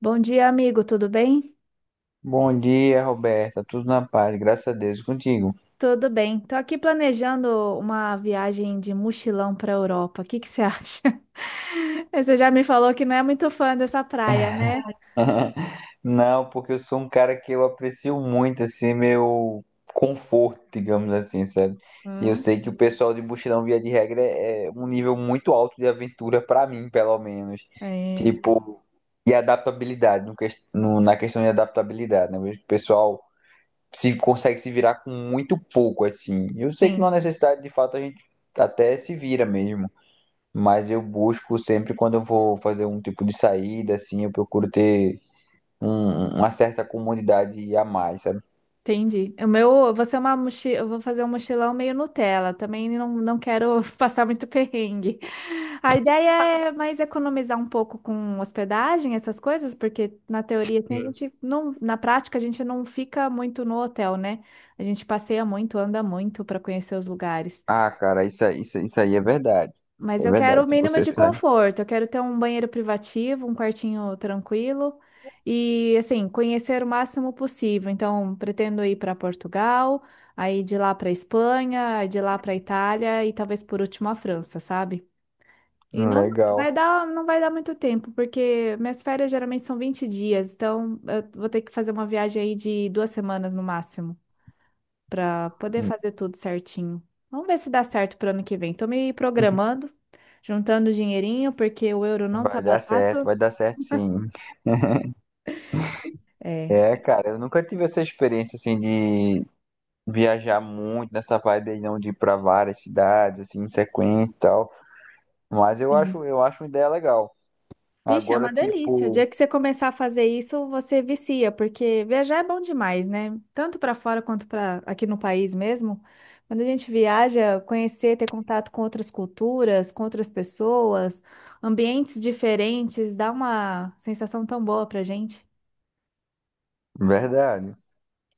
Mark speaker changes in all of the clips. Speaker 1: Bom dia, amigo, tudo bem?
Speaker 2: Bom dia, Roberta. Tudo na paz, graças a Deus. E contigo?
Speaker 1: Tudo bem. Tô aqui planejando uma viagem de mochilão para a Europa. O que que você acha? Você já me falou que não é muito fã dessa praia, né?
Speaker 2: Não, porque eu sou um cara que eu aprecio muito, assim, meu conforto, digamos assim, sabe? E eu
Speaker 1: Hum?
Speaker 2: sei que o pessoal de mochilão, via de regra, é um nível muito alto de aventura pra mim, pelo menos.
Speaker 1: É,
Speaker 2: Tipo, e adaptabilidade, na questão de adaptabilidade, né? Eu vejo que o pessoal se consegue se virar com muito pouco, assim. Eu sei que não
Speaker 1: sim.
Speaker 2: há necessidade, de fato, a gente até se vira mesmo. Mas eu busco sempre quando eu vou fazer um tipo de saída, assim, eu procuro ter uma certa comunidade a mais, sabe?
Speaker 1: Entendi. O meu, você é uma mochila, eu vou fazer um mochilão meio Nutella. Também não, quero passar muito perrengue. A ideia é mais economizar um pouco com hospedagem, essas coisas, porque na teoria assim, a
Speaker 2: Sim.
Speaker 1: gente não, na prática a gente não fica muito no hotel, né? A gente passeia muito, anda muito para conhecer os lugares.
Speaker 2: Ah, cara, isso aí é verdade.
Speaker 1: Mas
Speaker 2: É
Speaker 1: eu quero o
Speaker 2: verdade, se
Speaker 1: mínimo
Speaker 2: você
Speaker 1: de
Speaker 2: sai.
Speaker 1: conforto. Eu quero ter um banheiro privativo, um quartinho tranquilo e, assim, conhecer o máximo possível. Então, pretendo ir para Portugal, aí de lá para Espanha, aí de lá para Itália e talvez por último a França, sabe? E não
Speaker 2: Legal.
Speaker 1: vai dar, não vai dar muito tempo, porque minhas férias geralmente são 20 dias, então eu vou ter que fazer uma viagem aí de 2 semanas no máximo para poder fazer tudo certinho. Vamos ver se dá certo para ano que vem. Tô me programando, juntando dinheirinho, porque o euro não tá barato.
Speaker 2: Vai dar certo sim.
Speaker 1: É,
Speaker 2: É, cara, eu nunca tive essa experiência, assim, de viajar muito nessa vibe aí, não, de ir pra várias cidades, assim, em sequência e tal. Mas
Speaker 1: sim.
Speaker 2: eu acho uma ideia legal.
Speaker 1: Vixe, é
Speaker 2: Agora,
Speaker 1: uma delícia. O dia
Speaker 2: tipo,
Speaker 1: que você começar a fazer isso, você vicia, porque viajar é bom demais, né? Tanto para fora quanto para aqui no país mesmo. Quando a gente viaja, conhecer, ter contato com outras culturas, com outras pessoas, ambientes diferentes, dá uma sensação tão boa pra gente.
Speaker 2: verdade.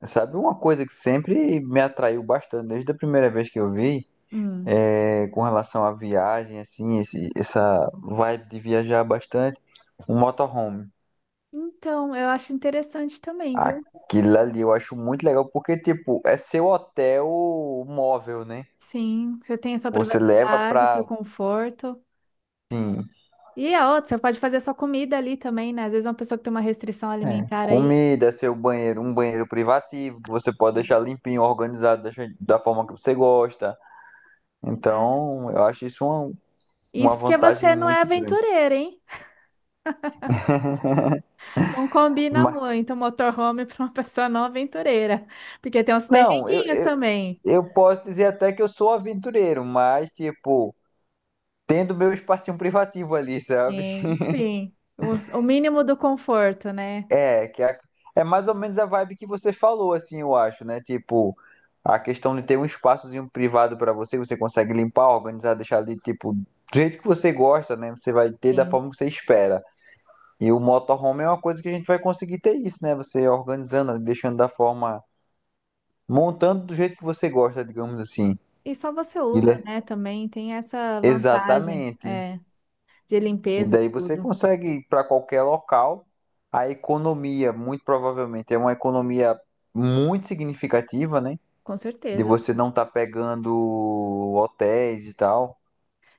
Speaker 2: Sabe uma coisa que sempre me atraiu bastante, desde a primeira vez que eu vi,
Speaker 1: Hum.
Speaker 2: é, com relação à viagem, assim, essa vibe de viajar bastante, um motorhome.
Speaker 1: Então, eu acho interessante também, viu?
Speaker 2: Aquilo ali eu acho muito legal, porque, tipo, é seu hotel móvel, né?
Speaker 1: Sim, você tem a sua
Speaker 2: Você leva
Speaker 1: privacidade,
Speaker 2: pra,
Speaker 1: seu conforto.
Speaker 2: assim,
Speaker 1: E a outra, você pode fazer a sua comida ali também, né? Às vezes uma pessoa que tem uma restrição
Speaker 2: é,
Speaker 1: alimentar aí.
Speaker 2: comida, seu banheiro, um banheiro privativo, que você pode
Speaker 1: Sim.
Speaker 2: deixar limpinho, organizado, deixar da forma que você gosta.
Speaker 1: Ah,
Speaker 2: Então, eu acho isso uma
Speaker 1: isso porque
Speaker 2: vantagem
Speaker 1: você não é
Speaker 2: muito grande.
Speaker 1: aventureira, hein? Não combina
Speaker 2: Mas,
Speaker 1: muito motorhome para uma pessoa não aventureira. Porque tem uns
Speaker 2: não, eu,
Speaker 1: perrenguinhos
Speaker 2: eu
Speaker 1: também.
Speaker 2: Eu posso dizer até que eu sou aventureiro, mas, tipo, tendo meu espacinho privativo ali, sabe?
Speaker 1: Sim, sim. O mínimo do conforto, né?
Speaker 2: É, é mais ou menos a vibe que você falou, assim, eu acho, né? Tipo, a questão de ter um espaçozinho privado pra você, você consegue limpar, organizar, deixar ali, tipo, do jeito que você gosta, né? Você vai ter da
Speaker 1: Sim.
Speaker 2: forma que você espera. E o motorhome é uma coisa que a gente vai conseguir ter isso, né? Você organizando, deixando da forma, montando do jeito que você gosta, digamos assim.
Speaker 1: E só você
Speaker 2: Ele
Speaker 1: usa,
Speaker 2: é-
Speaker 1: né? Também tem essa vantagem,
Speaker 2: Exatamente.
Speaker 1: é, de
Speaker 2: E
Speaker 1: limpeza,
Speaker 2: daí você
Speaker 1: tudo.
Speaker 2: consegue ir para qualquer local. A economia, muito provavelmente, é uma economia muito significativa, né?
Speaker 1: Com
Speaker 2: De
Speaker 1: certeza.
Speaker 2: você não estar pegando hotéis e tal.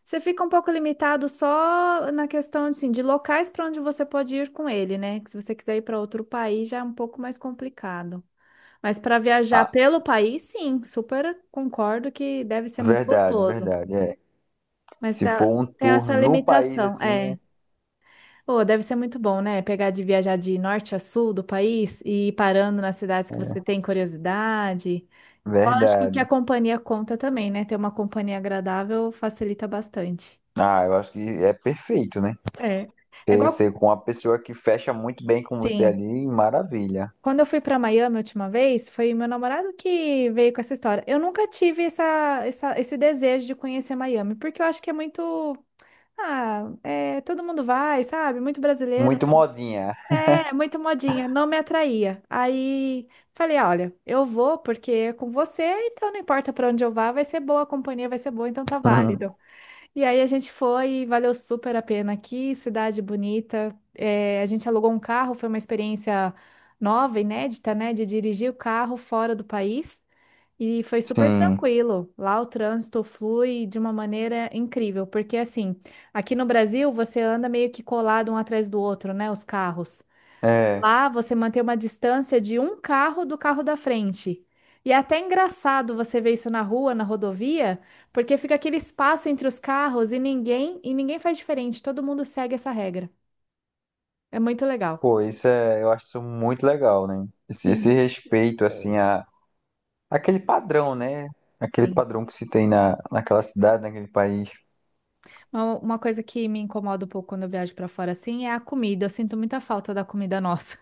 Speaker 1: Você fica um pouco limitado só na questão assim, de locais para onde você pode ir com ele, né? Que se você quiser ir para outro país já é um pouco mais complicado. Mas para viajar
Speaker 2: Ah,
Speaker 1: pelo país, sim, super concordo que deve ser muito
Speaker 2: verdade,
Speaker 1: gostoso.
Speaker 2: verdade. É.
Speaker 1: Mas
Speaker 2: Se
Speaker 1: tá-
Speaker 2: for um
Speaker 1: Tem
Speaker 2: tour
Speaker 1: essa
Speaker 2: no país
Speaker 1: limitação,
Speaker 2: assim,
Speaker 1: é.
Speaker 2: é
Speaker 1: Oh, deve ser muito bom, né? Pegar de viajar de norte a sul do país e ir parando nas cidades que você tem curiosidade. Eu acho que o que a
Speaker 2: verdade.
Speaker 1: companhia conta também, né? Ter uma companhia agradável facilita bastante.
Speaker 2: Ah, eu acho que é perfeito, né?
Speaker 1: É. É
Speaker 2: Você,
Speaker 1: igual,
Speaker 2: você com uma pessoa que fecha muito bem com você
Speaker 1: sim.
Speaker 2: ali, maravilha.
Speaker 1: Quando eu fui para Miami a última vez, foi meu namorado que veio com essa história. Eu nunca tive esse desejo de conhecer Miami, porque eu acho que é muito. Ah, é, todo mundo vai, sabe? Muito brasileiro.
Speaker 2: Muito modinha.
Speaker 1: É, muito modinha. Não me atraía. Aí falei: "Ah, olha, eu vou porque é com você, então não importa para onde eu vá, vai ser boa a companhia, vai ser boa, então tá válido. E aí a gente foi e valeu super a pena. Aqui, cidade bonita. É, a gente alugou um carro, foi uma experiência nova, inédita, né? De dirigir o carro fora do país. E foi super
Speaker 2: Sim,
Speaker 1: tranquilo. Lá o trânsito flui de uma maneira incrível, porque assim, aqui no Brasil você anda meio que colado um atrás do outro, né? Os carros.
Speaker 2: é.
Speaker 1: Lá você mantém uma distância de um carro do carro da frente. E é até engraçado você ver isso na rua, na rodovia, porque fica aquele espaço entre os carros e ninguém faz diferente. Todo mundo segue essa regra. É muito legal.
Speaker 2: Pô, isso é, eu acho isso muito legal, né? Esse
Speaker 1: Sim.
Speaker 2: respeito. É, assim, a, aquele padrão, né? Aquele
Speaker 1: Sim.
Speaker 2: padrão que se tem na, naquela cidade, naquele país.
Speaker 1: Uma coisa que me incomoda um pouco quando eu viajo para fora assim é a comida. Eu sinto muita falta da comida nossa.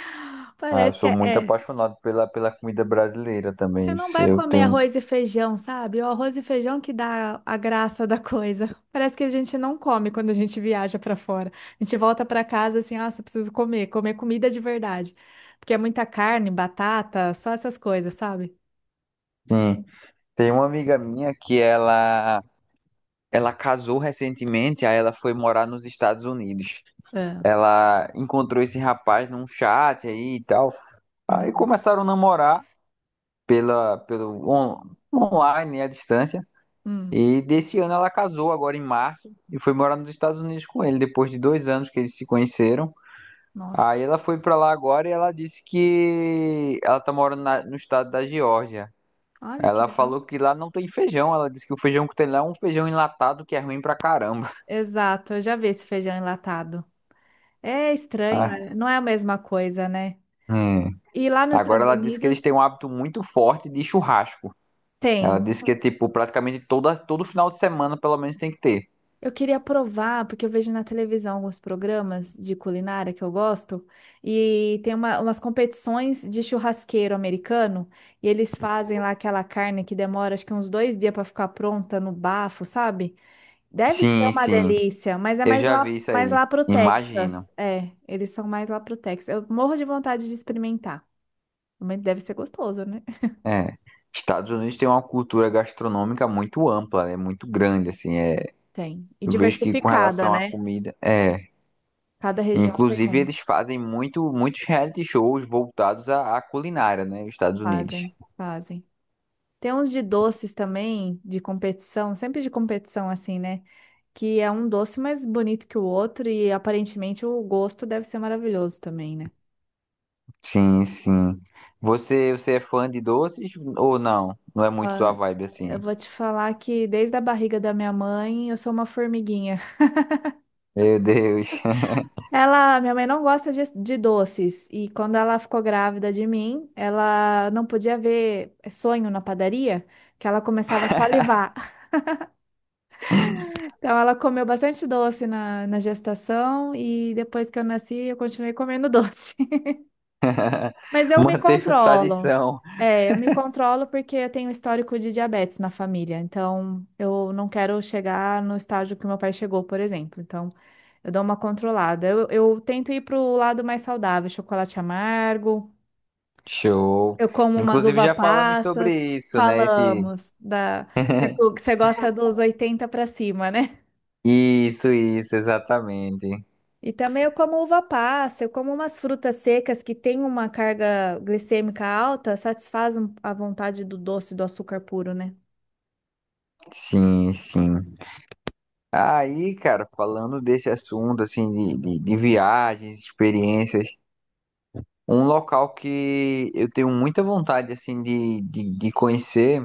Speaker 2: Ah, eu
Speaker 1: Parece que
Speaker 2: sou muito apaixonado pela, pela comida brasileira
Speaker 1: você
Speaker 2: também.
Speaker 1: não
Speaker 2: Se
Speaker 1: vai
Speaker 2: Eu
Speaker 1: comer
Speaker 2: tenho,
Speaker 1: arroz e feijão, sabe? O arroz e feijão que dá a graça da coisa. Parece que a gente não come quando a gente viaja pra fora. A gente volta pra casa assim, nossa, preciso comer, comer comida de verdade. Porque é muita carne, batata, só essas coisas, sabe?
Speaker 2: sim, tem uma amiga minha que ela casou recentemente, aí ela foi morar nos Estados Unidos.
Speaker 1: É.
Speaker 2: Ela encontrou esse rapaz num chat aí e tal. Aí
Speaker 1: Uhum.
Speaker 2: começaram a namorar pelo online, né, à distância.
Speaker 1: Hum.
Speaker 2: E desse ano ela casou agora em março e foi morar nos Estados Unidos com ele, depois de 2 anos que eles se conheceram.
Speaker 1: Nossa,
Speaker 2: Aí ela foi pra lá agora e ela disse que ela tá morando no estado da Geórgia.
Speaker 1: olha que
Speaker 2: Ela
Speaker 1: legal.
Speaker 2: falou que lá não tem feijão. Ela disse que o feijão que tem lá é um feijão enlatado que é ruim pra caramba.
Speaker 1: Exato, eu já vi esse feijão enlatado.
Speaker 2: Ah,
Speaker 1: Não é a mesma coisa, né?
Speaker 2: hum.
Speaker 1: E lá nos
Speaker 2: Agora
Speaker 1: Estados
Speaker 2: ela disse que eles
Speaker 1: Unidos
Speaker 2: têm um hábito muito forte de churrasco. Ela
Speaker 1: tem.
Speaker 2: disse que é tipo todo final de semana, pelo menos, tem que ter.
Speaker 1: Eu queria provar, porque eu vejo na televisão alguns programas de culinária que eu gosto, e tem umas competições de churrasqueiro americano, e eles fazem lá aquela carne que demora acho que uns 2 dias para ficar pronta no bafo, sabe? Deve ser
Speaker 2: Sim,
Speaker 1: uma
Speaker 2: sim.
Speaker 1: delícia, mas é
Speaker 2: Eu já vi isso
Speaker 1: mais
Speaker 2: aí.
Speaker 1: lá pro Texas.
Speaker 2: Imagino.
Speaker 1: É, eles são mais lá pro Texas. Eu morro de vontade de experimentar. Mas deve ser gostoso, né?
Speaker 2: É, Estados Unidos tem uma cultura gastronômica muito ampla, é muito grande, assim, é,
Speaker 1: Tem. E
Speaker 2: eu vejo que com
Speaker 1: diversificada,
Speaker 2: relação à
Speaker 1: né?
Speaker 2: comida, é,
Speaker 1: Cada região tem
Speaker 2: inclusive
Speaker 1: um.
Speaker 2: eles fazem muitos reality shows voltados à, à culinária, né, os Estados Unidos.
Speaker 1: Fazem, fazem. Tem uns de doces também, de competição, sempre de competição assim, né? Que é um doce mais bonito que o outro e aparentemente o gosto deve ser maravilhoso também, né?
Speaker 2: Sim, sim. Você, você é fã de doces ou não? Não é
Speaker 1: Ó,
Speaker 2: muito tua vibe,
Speaker 1: eu
Speaker 2: assim?
Speaker 1: vou te falar que desde a barriga da minha mãe eu sou uma formiguinha.
Speaker 2: Meu Deus,
Speaker 1: Minha mãe não gosta de doces e quando ela ficou grávida de mim, ela não podia ver sonho na padaria, que ela começava a salivar. Então ela comeu bastante doce na gestação e depois que eu nasci eu continuei comendo doce. Mas eu me
Speaker 2: manteve a
Speaker 1: controlo.
Speaker 2: tradição.
Speaker 1: É, eu me controlo porque eu tenho histórico de diabetes na família. Então, eu não quero chegar no estágio que meu pai chegou, por exemplo. Então, eu dou uma controlada. Eu tento ir pro lado mais saudável, chocolate amargo.
Speaker 2: Show.
Speaker 1: Eu como umas
Speaker 2: Inclusive
Speaker 1: uva
Speaker 2: já falamos sobre
Speaker 1: passas.
Speaker 2: isso, né, esse...
Speaker 1: Falamos da... Você gosta dos 80 para cima, né?
Speaker 2: Isso, exatamente.
Speaker 1: E também eu como uva passa, eu como umas frutas secas que têm uma carga glicêmica alta, satisfazem a vontade do doce do açúcar puro, né?
Speaker 2: Sim, sim. Aí, cara, falando desse assunto, assim, de viagens, experiências, um local que eu tenho muita vontade, assim, de conhecer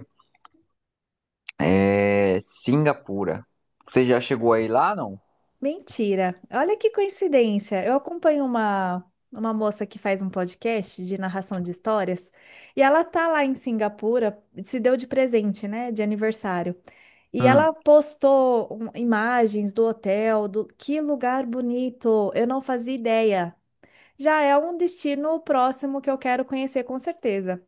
Speaker 2: é Singapura. Você já chegou aí lá, não?
Speaker 1: Mentira! Olha que coincidência! Eu acompanho uma moça que faz um podcast de narração de histórias e ela tá lá em Singapura, se deu de presente, né? De aniversário. E
Speaker 2: Hum.
Speaker 1: ela postou imagens do hotel, do que lugar bonito! Eu não fazia ideia. Já é um destino próximo que eu quero conhecer com certeza.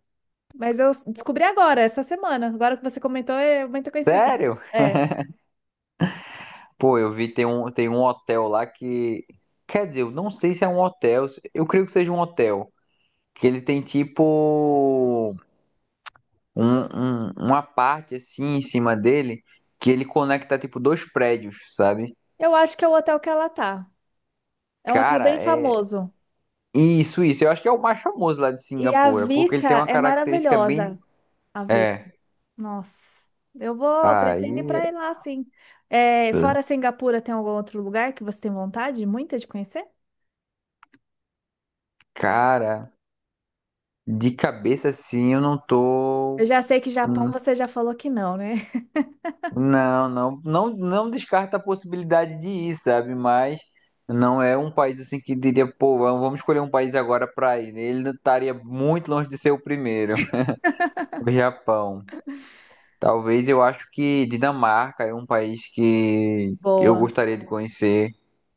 Speaker 1: Mas eu descobri agora, essa semana. Agora que você comentou, é muita coincidência.
Speaker 2: Sério?
Speaker 1: É.
Speaker 2: Pô, eu vi tem tem um hotel lá que... Quer dizer, eu não sei se é um hotel. Eu creio que seja um hotel. Que ele tem tipo um, uma parte assim em cima dele que ele conecta tipo dois prédios, sabe?
Speaker 1: Eu acho que é o hotel que ela tá. É um hotel
Speaker 2: Cara,
Speaker 1: bem
Speaker 2: é.
Speaker 1: famoso.
Speaker 2: Isso, isso. Eu acho que é o mais famoso lá de
Speaker 1: E a
Speaker 2: Singapura, porque ele
Speaker 1: vista
Speaker 2: tem uma
Speaker 1: é
Speaker 2: característica bem...
Speaker 1: maravilhosa. A vista.
Speaker 2: É.
Speaker 1: Nossa. Eu vou, pretendo ir
Speaker 2: Aí,
Speaker 1: pra ir lá, sim. É, fora Singapura, tem algum outro lugar que você tem vontade muita de conhecer?
Speaker 2: cara, de cabeça assim, eu não tô.
Speaker 1: Eu já sei que Japão
Speaker 2: Hum,
Speaker 1: você já falou que não, né?
Speaker 2: não, não, não, não descarta a possibilidade de ir, sabe? Mas não é um país assim que diria, pô, vamos escolher um país agora pra ir. Ele estaria muito longe de ser o primeiro. O Japão. Talvez eu acho que Dinamarca é um país que eu
Speaker 1: Boa.
Speaker 2: gostaria de conhecer.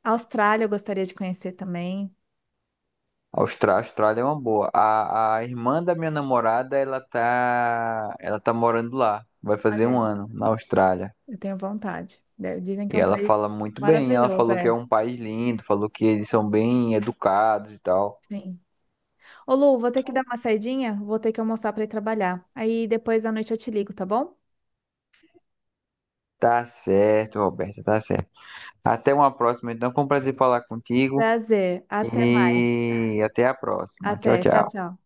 Speaker 1: Austrália eu gostaria de conhecer também.
Speaker 2: A Austrália é uma boa. A irmã da minha namorada, ela tá morando lá. Vai fazer
Speaker 1: Olha
Speaker 2: um
Speaker 1: aí.
Speaker 2: ano na Austrália.
Speaker 1: Eu tenho vontade. De- dizem que é
Speaker 2: E
Speaker 1: um
Speaker 2: ela
Speaker 1: país
Speaker 2: fala muito bem. Ela
Speaker 1: maravilhoso,
Speaker 2: falou que é
Speaker 1: é.
Speaker 2: um país lindo, falou que eles são bem educados e tal.
Speaker 1: Sim. Ô, Lu, vou ter que dar uma saidinha, vou ter que almoçar para ir trabalhar. Aí depois da noite eu te ligo, tá bom?
Speaker 2: Tá certo, Roberta, tá certo. Até uma próxima, então. Foi um prazer falar contigo.
Speaker 1: Prazer. Até mais.
Speaker 2: E até a próxima. Tchau,
Speaker 1: Até. Tchau,
Speaker 2: tchau.
Speaker 1: tchau.